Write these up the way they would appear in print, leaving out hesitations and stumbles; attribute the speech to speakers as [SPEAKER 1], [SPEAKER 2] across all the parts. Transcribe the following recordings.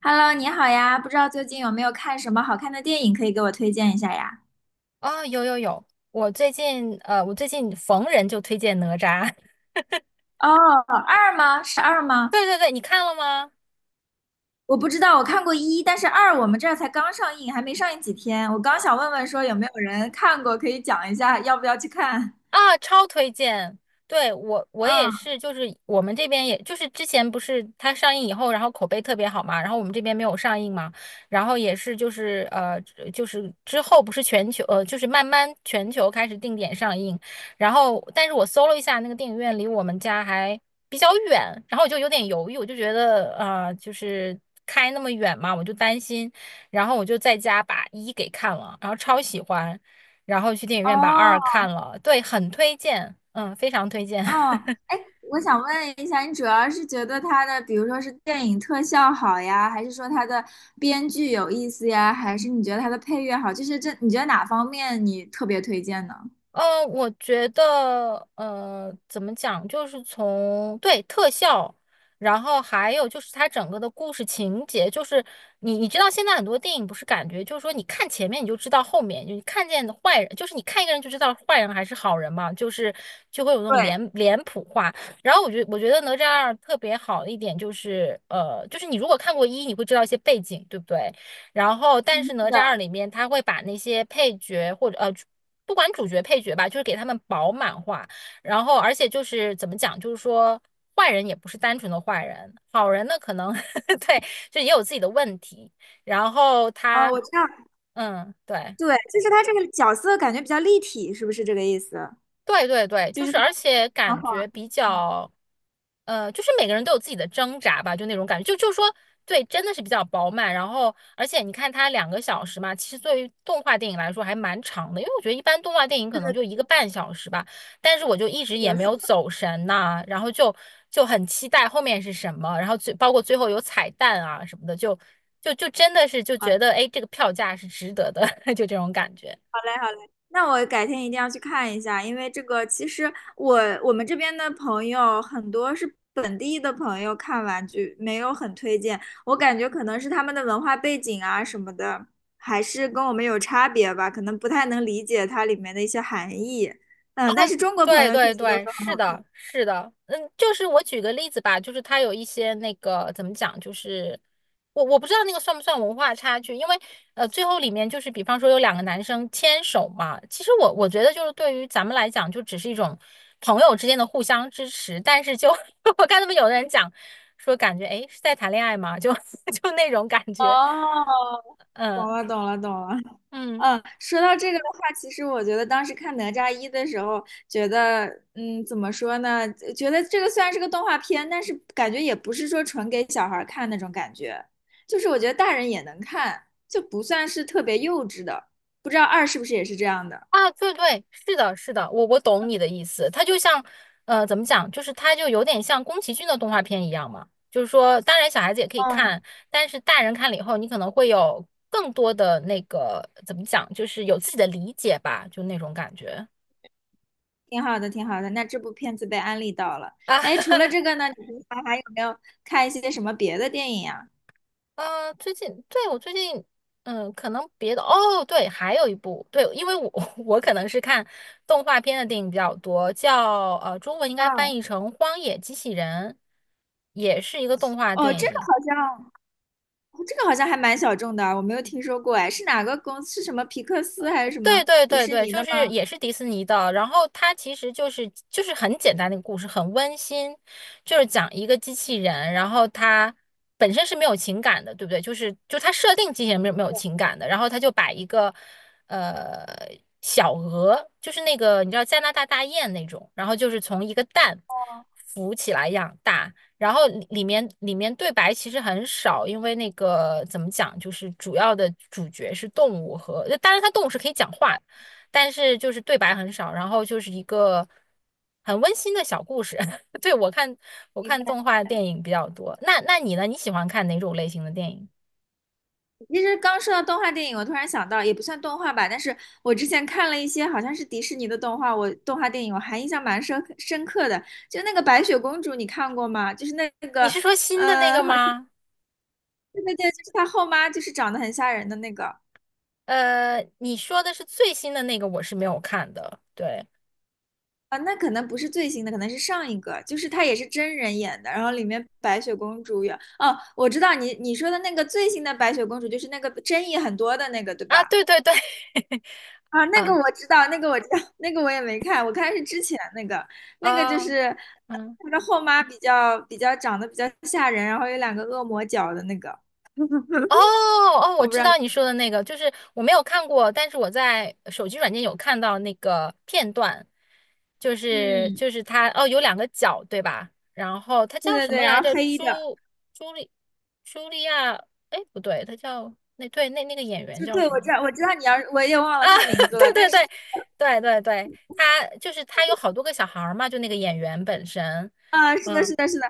[SPEAKER 1] Hello，你好呀，不知道最近有没有看什么好看的电影可以给我推荐一下呀？
[SPEAKER 2] 啊、有有有，我最近我最近逢人就推荐哪吒。
[SPEAKER 1] 哦，二吗？是二吗？
[SPEAKER 2] 对对对，你看了吗？
[SPEAKER 1] 我不知道，我看过一，但是二我们这儿才刚上映，还没上映几天。我刚
[SPEAKER 2] 啊。
[SPEAKER 1] 想问问说有没有人看过，可以讲一下要不要去看？
[SPEAKER 2] 啊，超推荐！对，我也
[SPEAKER 1] 啊，
[SPEAKER 2] 是，就是我们这边也就是之前不是它上映以后，然后口碑特别好嘛，然后我们这边没有上映嘛，然后也是就是之后不是全球就是慢慢全球开始定点上映，然后但是我搜了一下那个电影院离我们家还比较远，然后我就有点犹豫，我就觉得就是开那么远嘛，我就担心，然后我就在家把一给看了，然后超喜欢。然后去电影院把二
[SPEAKER 1] 哦，
[SPEAKER 2] 看了，对，很推荐，嗯，非常推荐。
[SPEAKER 1] 哦，哎，我想问一下，你主要是觉得它的，比如说是电影特效好呀，还是说它的编剧有意思呀，还是你觉得它的配乐好？就是这，你觉得哪方面你特别推荐呢？
[SPEAKER 2] 我觉得，怎么讲，就是从对特效，然后还有就是它整个的故事情节，就是你知道现在很多电影不是感觉就是说你看前面你就知道后面，你看见坏人，就是你看一个人就知道坏人还是好人嘛，就是就会有那种
[SPEAKER 1] 对，
[SPEAKER 2] 脸谱化。然后我觉得哪吒二特别好的一点就是，就是你如果看过一，你会知道一些背景，对不对？然后，但是
[SPEAKER 1] 嗯，
[SPEAKER 2] 哪
[SPEAKER 1] 是
[SPEAKER 2] 吒二
[SPEAKER 1] 的。
[SPEAKER 2] 里面他会把那些配角或者,不管主角配角吧，就是给他们饱满化。然后，而且就是怎么讲，就是说坏人也不是单纯的坏人，好人呢可能 对，就也有自己的问题。然后
[SPEAKER 1] 哦，
[SPEAKER 2] 他，
[SPEAKER 1] 我知道，
[SPEAKER 2] 嗯，对。
[SPEAKER 1] 对，就是他这个角色感觉比较立体，是不是这个意思？
[SPEAKER 2] 对对对，
[SPEAKER 1] 就
[SPEAKER 2] 就
[SPEAKER 1] 是
[SPEAKER 2] 是
[SPEAKER 1] 他
[SPEAKER 2] 而且
[SPEAKER 1] 很
[SPEAKER 2] 感
[SPEAKER 1] 好
[SPEAKER 2] 觉
[SPEAKER 1] 玩，
[SPEAKER 2] 比
[SPEAKER 1] 嗯，
[SPEAKER 2] 较，就是每个人都有自己的挣扎吧，就那种感觉，就说对，真的是比较饱满。然后，而且你看它两个小时嘛，其实对于动画电影来说还蛮长的，因为我觉得一般动画电影可
[SPEAKER 1] 是
[SPEAKER 2] 能
[SPEAKER 1] 的，
[SPEAKER 2] 就一个半小时吧，但是我就一直
[SPEAKER 1] 是
[SPEAKER 2] 也
[SPEAKER 1] 的，
[SPEAKER 2] 没
[SPEAKER 1] 是
[SPEAKER 2] 有
[SPEAKER 1] 的，
[SPEAKER 2] 走神呐、然后就很期待后面是什么，然后最包括最后有彩蛋啊什么的，就真的是就觉
[SPEAKER 1] 好
[SPEAKER 2] 得哎，这个票价是值得的，就这种感觉。
[SPEAKER 1] 嘞，好嘞，那我改天一定要去看一下，因为这个其实我我们这边的朋友很多是本地的朋友看完具，没有很推荐，我感觉可能是他们的文化背景啊什么的，还是跟我们有差别吧，可能不太能理解它里面的一些含义，嗯，但是中国朋
[SPEAKER 2] 对
[SPEAKER 1] 友确
[SPEAKER 2] 对
[SPEAKER 1] 实都
[SPEAKER 2] 对，
[SPEAKER 1] 说
[SPEAKER 2] 是
[SPEAKER 1] 很，
[SPEAKER 2] 的，是的，嗯，就是我举个例子吧，就是它有一些那个怎么讲，就是我不知道那个算不算文化差距，因为最后里面就是比方说有两个男生牵手嘛，其实我觉得就是对于咱们来讲，就只是一种朋友之间的互相支持，但是就 我看他们有的人讲说感觉哎是在谈恋爱嘛，就 就那种感觉，
[SPEAKER 1] 好。
[SPEAKER 2] 嗯
[SPEAKER 1] 哦，懂了，懂了，懂了。
[SPEAKER 2] 嗯。
[SPEAKER 1] 嗯，说到这个的话，其实我觉得当时看《哪吒一》的时候，觉得，嗯，怎么说呢？觉得这个虽然是个动画片，但是感觉也不是说纯给小孩儿看那种感觉，就是我觉得大人也能看，就不算是特别幼稚的。不知道二是不是也是这样的？
[SPEAKER 2] 啊，对对，是的，是的，我懂你的意思。它就像，怎么讲，就是它就有点像宫崎骏的动画片一样嘛。就是说，当然小孩子也可以
[SPEAKER 1] 嗯，
[SPEAKER 2] 看，但是大人看了以后，你可能会有更多的那个怎么讲，就是有自己的理解吧，就那种感觉
[SPEAKER 1] 挺好的，挺好的。那这部片子被安利到了。
[SPEAKER 2] 啊。
[SPEAKER 1] 哎，除了这 个呢，你平常还有没有看一些什么别的电影呀？
[SPEAKER 2] 最近最近，嗯，可能别的哦，对，还有一部，对，因为我 我可能是看动画片的电影比较多，叫中文应
[SPEAKER 1] 啊，
[SPEAKER 2] 该翻译成《荒野机器人》，也是一个动画
[SPEAKER 1] 哦，
[SPEAKER 2] 电
[SPEAKER 1] 这个好
[SPEAKER 2] 影。
[SPEAKER 1] 像。哦这个好像还蛮小众的，我没有听说过哎，是哪个公司？是什么皮克斯还是什么
[SPEAKER 2] 对对
[SPEAKER 1] 迪
[SPEAKER 2] 对
[SPEAKER 1] 士
[SPEAKER 2] 对，
[SPEAKER 1] 尼
[SPEAKER 2] 就
[SPEAKER 1] 的
[SPEAKER 2] 是
[SPEAKER 1] 吗？
[SPEAKER 2] 也是迪士尼的，然后它其实就是很简单的一个故事，很温馨，就是讲一个机器人，然后它本身是没有情感的，对不对？就它设定机器人没有情感的，然后它就把一个呃小鹅，就是那个你知道加拿大大雁那种，然后就是从一个蛋
[SPEAKER 1] 哦，
[SPEAKER 2] 浮起来养大，然后里面对白其实很少，因为那个怎么讲，就是主要的主角是动物和，当然它动物是可以讲话但是就是对白很少，然后就是一个很温馨的小故事。对，我看我
[SPEAKER 1] 明
[SPEAKER 2] 看
[SPEAKER 1] 白。
[SPEAKER 2] 动画电影比较多，那你呢？你喜欢看哪种类型的电影？
[SPEAKER 1] 其实刚说到动画电影，我突然想到，也不算动画吧，但是我之前看了一些好像是迪士尼的动画，我动画电影我还印象蛮深刻的，就那个白雪公主，你看过吗？就是那
[SPEAKER 2] 你
[SPEAKER 1] 个
[SPEAKER 2] 是说新的那个
[SPEAKER 1] 好，
[SPEAKER 2] 吗？
[SPEAKER 1] 对对对，就是她后妈，就是长得很吓人的那个。
[SPEAKER 2] 呃，你说的是最新的那个，我是没有看的。对
[SPEAKER 1] 啊，那可能不是最新的，可能是上一个，就是它也是真人演的，然后里面白雪公主有，哦，我知道你你说的那个最新的白雪公主，就是那个争议很多的那个，对
[SPEAKER 2] 啊，
[SPEAKER 1] 吧？
[SPEAKER 2] 对对对，
[SPEAKER 1] 啊，那个
[SPEAKER 2] 啊
[SPEAKER 1] 我知道，那个我知道，那个我也没看，我看是之前那个，那个就
[SPEAKER 2] 啊
[SPEAKER 1] 是
[SPEAKER 2] 嗯。
[SPEAKER 1] 那个后妈比较长得比较吓人，然后有两个恶魔角的那个，
[SPEAKER 2] 哦 哦，我
[SPEAKER 1] 我不知
[SPEAKER 2] 知
[SPEAKER 1] 道，
[SPEAKER 2] 道你说的那个，就是我没有看过，但是我在手机软件有看到那个片段，就是
[SPEAKER 1] 嗯，
[SPEAKER 2] 他哦有两个角对吧？然后他
[SPEAKER 1] 对
[SPEAKER 2] 叫
[SPEAKER 1] 对
[SPEAKER 2] 什么
[SPEAKER 1] 对，
[SPEAKER 2] 来
[SPEAKER 1] 然后
[SPEAKER 2] 着？
[SPEAKER 1] 黑的，
[SPEAKER 2] 朱莉朱莉亚？哎不对，他叫那对那那个演员
[SPEAKER 1] 就
[SPEAKER 2] 叫
[SPEAKER 1] 对，
[SPEAKER 2] 什
[SPEAKER 1] 我
[SPEAKER 2] 么
[SPEAKER 1] 知道我知道你要，我也忘
[SPEAKER 2] 啊？
[SPEAKER 1] 了她名 字
[SPEAKER 2] 对
[SPEAKER 1] 了，但
[SPEAKER 2] 对
[SPEAKER 1] 是。
[SPEAKER 2] 对对对对，他就是他有好多个小孩儿嘛，就那个演员本身，
[SPEAKER 1] 啊，是的，
[SPEAKER 2] 嗯。
[SPEAKER 1] 是的，是的，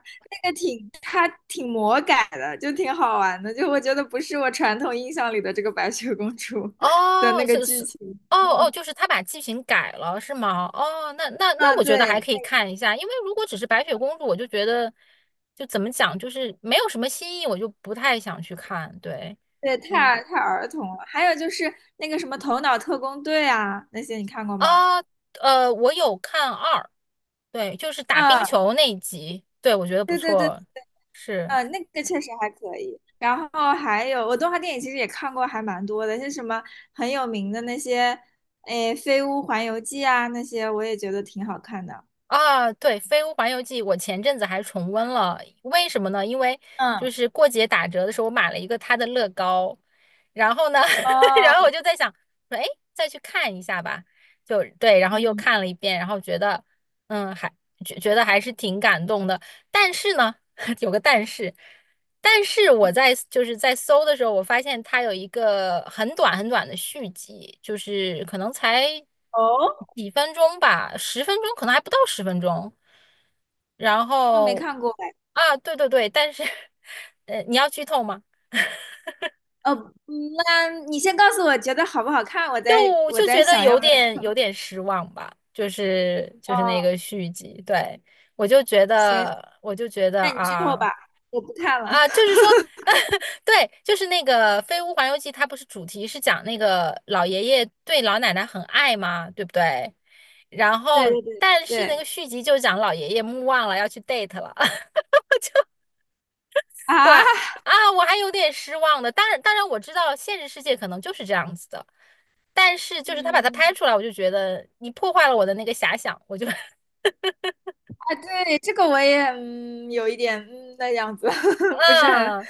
[SPEAKER 1] 那个挺，它挺魔改的，就挺好玩的。就我觉得不是我传统印象里的这个白雪公主 的那
[SPEAKER 2] 哦，
[SPEAKER 1] 个
[SPEAKER 2] 这是，
[SPEAKER 1] 剧情。
[SPEAKER 2] 哦哦，
[SPEAKER 1] 嗯，
[SPEAKER 2] 就是他把剧情改了，是吗？哦，那那
[SPEAKER 1] 啊
[SPEAKER 2] 那我觉得还
[SPEAKER 1] 对，
[SPEAKER 2] 可以看一下，因为如果只是白雪公主，我就觉得就怎么讲，就是没有什么新意，我就不太想去看。对，
[SPEAKER 1] 对，
[SPEAKER 2] 嗯
[SPEAKER 1] 太儿童了。还有就是那个什么《头脑特工队》啊，那些你看过吗？
[SPEAKER 2] 啊，我有看二，对，就是打冰
[SPEAKER 1] 嗯，
[SPEAKER 2] 球那一集，对，我觉得不
[SPEAKER 1] 对对对，
[SPEAKER 2] 错，是。
[SPEAKER 1] 嗯，那个确实还可以。然后还有我动画电影其实也看过还蛮多的，像什么很有名的那些，诶，《飞屋环游记》啊，那些我也觉得挺好看的。
[SPEAKER 2] 啊，对，《飞屋环游记》，我前阵子还重温了，为什么呢？因为就
[SPEAKER 1] 嗯，
[SPEAKER 2] 是过节打折的时候，我买了一个它的乐高，然后呢，然后
[SPEAKER 1] 哦。
[SPEAKER 2] 我就在想说，哎，再去看一下吧，就对，然后又
[SPEAKER 1] 嗯，
[SPEAKER 2] 看了一遍，然后觉得，嗯，还觉得还是挺感动的，但是呢，有个但是，但是我就是在搜的时候，我发现它有一个很短的续集，就是可能才
[SPEAKER 1] 哦，
[SPEAKER 2] 几分钟吧，十分钟，可能还不到十分钟。然
[SPEAKER 1] 我没
[SPEAKER 2] 后
[SPEAKER 1] 看过哎。
[SPEAKER 2] 啊，对对对，但是 你要剧透吗？
[SPEAKER 1] 呃，嗯那你先告诉我觉得好不好看，我再
[SPEAKER 2] 就
[SPEAKER 1] 我
[SPEAKER 2] 就
[SPEAKER 1] 再
[SPEAKER 2] 觉得
[SPEAKER 1] 想要
[SPEAKER 2] 有
[SPEAKER 1] 不要。
[SPEAKER 2] 点有点失望吧，就是那
[SPEAKER 1] 哦，
[SPEAKER 2] 个续集，对，我就觉
[SPEAKER 1] 行，
[SPEAKER 2] 得我就觉得
[SPEAKER 1] 那你剧透
[SPEAKER 2] 啊。
[SPEAKER 1] 吧，我不看了。
[SPEAKER 2] 啊，就 是说，对，就是那个《飞屋环游记》，它不是主题是讲那个老爷爷对老奶奶很爱吗？对不对？然
[SPEAKER 1] 对
[SPEAKER 2] 后，
[SPEAKER 1] 对对
[SPEAKER 2] 但是那
[SPEAKER 1] 对
[SPEAKER 2] 个续集就讲老爷爷目望了要去 date 了，
[SPEAKER 1] 啊，
[SPEAKER 2] 我还啊，我还有点失望的。当然，当然我知道现实世界可能就是这样子的，但是就是他把它
[SPEAKER 1] 嗯
[SPEAKER 2] 拍出来，我就觉得你破坏了我的那个遐想，我就
[SPEAKER 1] 啊，对，这个我也有一点的样子，
[SPEAKER 2] 嗯。
[SPEAKER 1] 不是很
[SPEAKER 2] 啊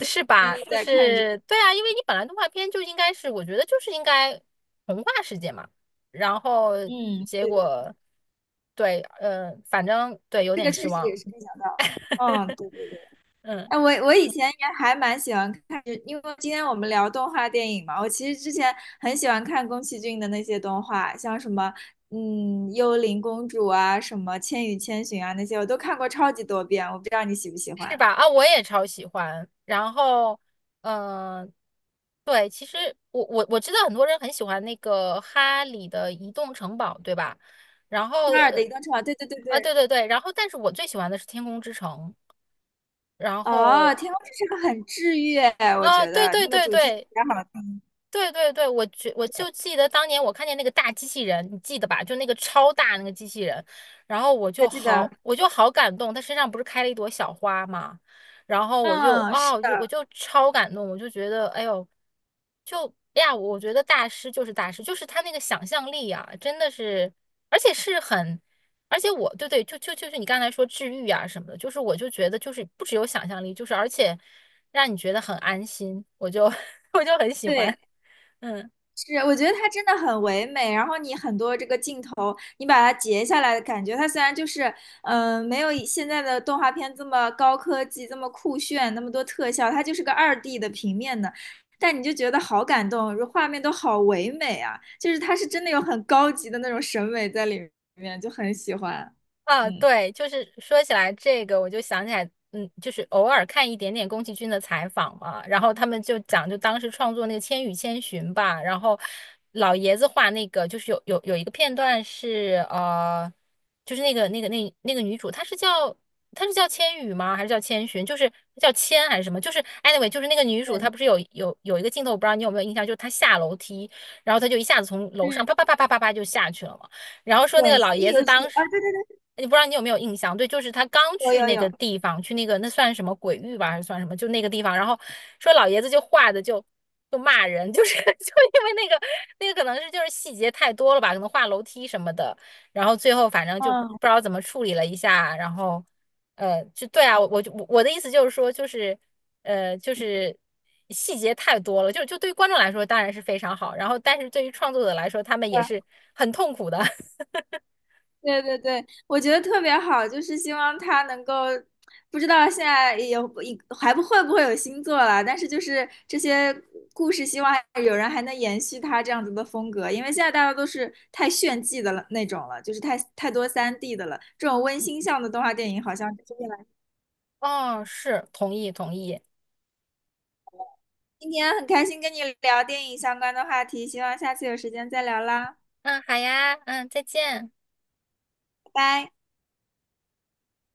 [SPEAKER 2] 是
[SPEAKER 1] 愿
[SPEAKER 2] 吧？
[SPEAKER 1] 意
[SPEAKER 2] 就
[SPEAKER 1] 再看这
[SPEAKER 2] 是
[SPEAKER 1] 个。
[SPEAKER 2] 对啊，因为你本来动画片就应该是，我觉得就是应该童话世界嘛。然后
[SPEAKER 1] 嗯，
[SPEAKER 2] 结
[SPEAKER 1] 对对，
[SPEAKER 2] 果，对，反正对，有
[SPEAKER 1] 这
[SPEAKER 2] 点
[SPEAKER 1] 个
[SPEAKER 2] 失
[SPEAKER 1] 确实也
[SPEAKER 2] 望，
[SPEAKER 1] 是没想到。嗯，对对对。
[SPEAKER 2] 嗯，
[SPEAKER 1] 哎，我以前也还蛮喜欢看，因为今天我们聊动画电影嘛，我其实之前很喜欢看宫崎骏的那些动画，像什么《幽灵公主》啊，什么《千与千寻》啊那些，我都看过超级多遍。我不知道你喜不喜
[SPEAKER 2] 是
[SPEAKER 1] 欢
[SPEAKER 2] 吧？啊，我也超喜欢。然后，嗯、对，其实我知道很多人很喜欢那个哈利的移动城堡，对吧？然后，
[SPEAKER 1] 《哈尔的
[SPEAKER 2] 呃，
[SPEAKER 1] 移动城堡》？对对对
[SPEAKER 2] 啊，
[SPEAKER 1] 对，
[SPEAKER 2] 对对对，然后但是我最喜欢的是天空之城。然
[SPEAKER 1] 哦，
[SPEAKER 2] 后
[SPEAKER 1] 《天空之城》很治愈，我
[SPEAKER 2] 啊，
[SPEAKER 1] 觉
[SPEAKER 2] 对
[SPEAKER 1] 得
[SPEAKER 2] 对
[SPEAKER 1] 那个
[SPEAKER 2] 对
[SPEAKER 1] 主题曲
[SPEAKER 2] 对，
[SPEAKER 1] 也好听，
[SPEAKER 2] 对对对，我就记得当年我看见那个大机器人，你记得吧？就那个超大那个机器人，然后我就
[SPEAKER 1] 还记得？
[SPEAKER 2] 好我就好感动，他身上不是开了一朵小花嘛，然后我就
[SPEAKER 1] 嗯，
[SPEAKER 2] 啊、
[SPEAKER 1] 是
[SPEAKER 2] 我就我
[SPEAKER 1] 的，
[SPEAKER 2] 就超感动，我就觉得哎呦，就哎呀，我觉得大师就是大师，就是他那个想象力啊，真的是，而且是很，而且我对对，就是你刚才说治愈啊什么的，就是我就觉得就是不只有想象力，就是而且让你觉得很安心，我就 我就很喜欢。
[SPEAKER 1] 对。
[SPEAKER 2] 嗯
[SPEAKER 1] 是，我觉得它真的很唯美。然后你很多这个镜头，你把它截下来的感觉，它虽然就是，嗯、没有以现在的动画片这么高科技、这么酷炫、那么多特效，它就是个2D 的平面的，但你就觉得好感动，画面都好唯美啊！就是它是真的有很高级的那种审美在里面，就很喜欢。
[SPEAKER 2] 啊，
[SPEAKER 1] 嗯，
[SPEAKER 2] 对，就是说起来这个，我就想起来，嗯，就是偶尔看一点点宫崎骏的采访嘛，然后他们就讲，就当时创作那个《千与千寻》吧，然后老爷子画那个，就是有一个片段是就是那个女主，她是叫千羽吗？还是叫千寻？就是叫千还是什么？就是 anyway，就是那个女主，她
[SPEAKER 1] 对，
[SPEAKER 2] 不是有一个镜头，我不知道你有没有印象，就是她下楼梯，然后她就一下子从楼
[SPEAKER 1] 嗯，
[SPEAKER 2] 上啪啪啪啪啪啪就下去了嘛。然后说那个
[SPEAKER 1] 滚石
[SPEAKER 2] 老爷
[SPEAKER 1] 有
[SPEAKER 2] 子
[SPEAKER 1] 有
[SPEAKER 2] 当时，
[SPEAKER 1] 啊，对对
[SPEAKER 2] 你不知道你有没有印象？对，就是他刚
[SPEAKER 1] 对，
[SPEAKER 2] 去
[SPEAKER 1] 有有
[SPEAKER 2] 那个
[SPEAKER 1] 有，
[SPEAKER 2] 地方，去那个那算什么鬼域吧，还是算什么？就那个地方，然后说老爷子就画的就骂人，就是 就因为那个可能是就是细节太多了吧，可能画楼梯什么的，然后最后反正就不
[SPEAKER 1] 嗯，
[SPEAKER 2] 知道怎么处理了一下，然后就对啊，我的意思就是说就是。就是细节太多了，就对于观众来说当然是非常好，然后但是对于创作者来说，他们也
[SPEAKER 1] 对
[SPEAKER 2] 是很痛苦的。
[SPEAKER 1] 对对对，我觉得特别好，就是希望他能够，不知道现在有还不会有新作了，但是就是这些故事，希望有人还能延续他这样子的风格，因为现在大家都是太炫技的了那种了，就是太多3D 的了，这种温馨向的动画电影好像就是越来越。
[SPEAKER 2] 哦，是，同意同意。
[SPEAKER 1] 今天很开心跟你聊电影相关的话题，希望下次有时间再聊啦，
[SPEAKER 2] 嗯，好呀，嗯，再见。
[SPEAKER 1] 拜拜。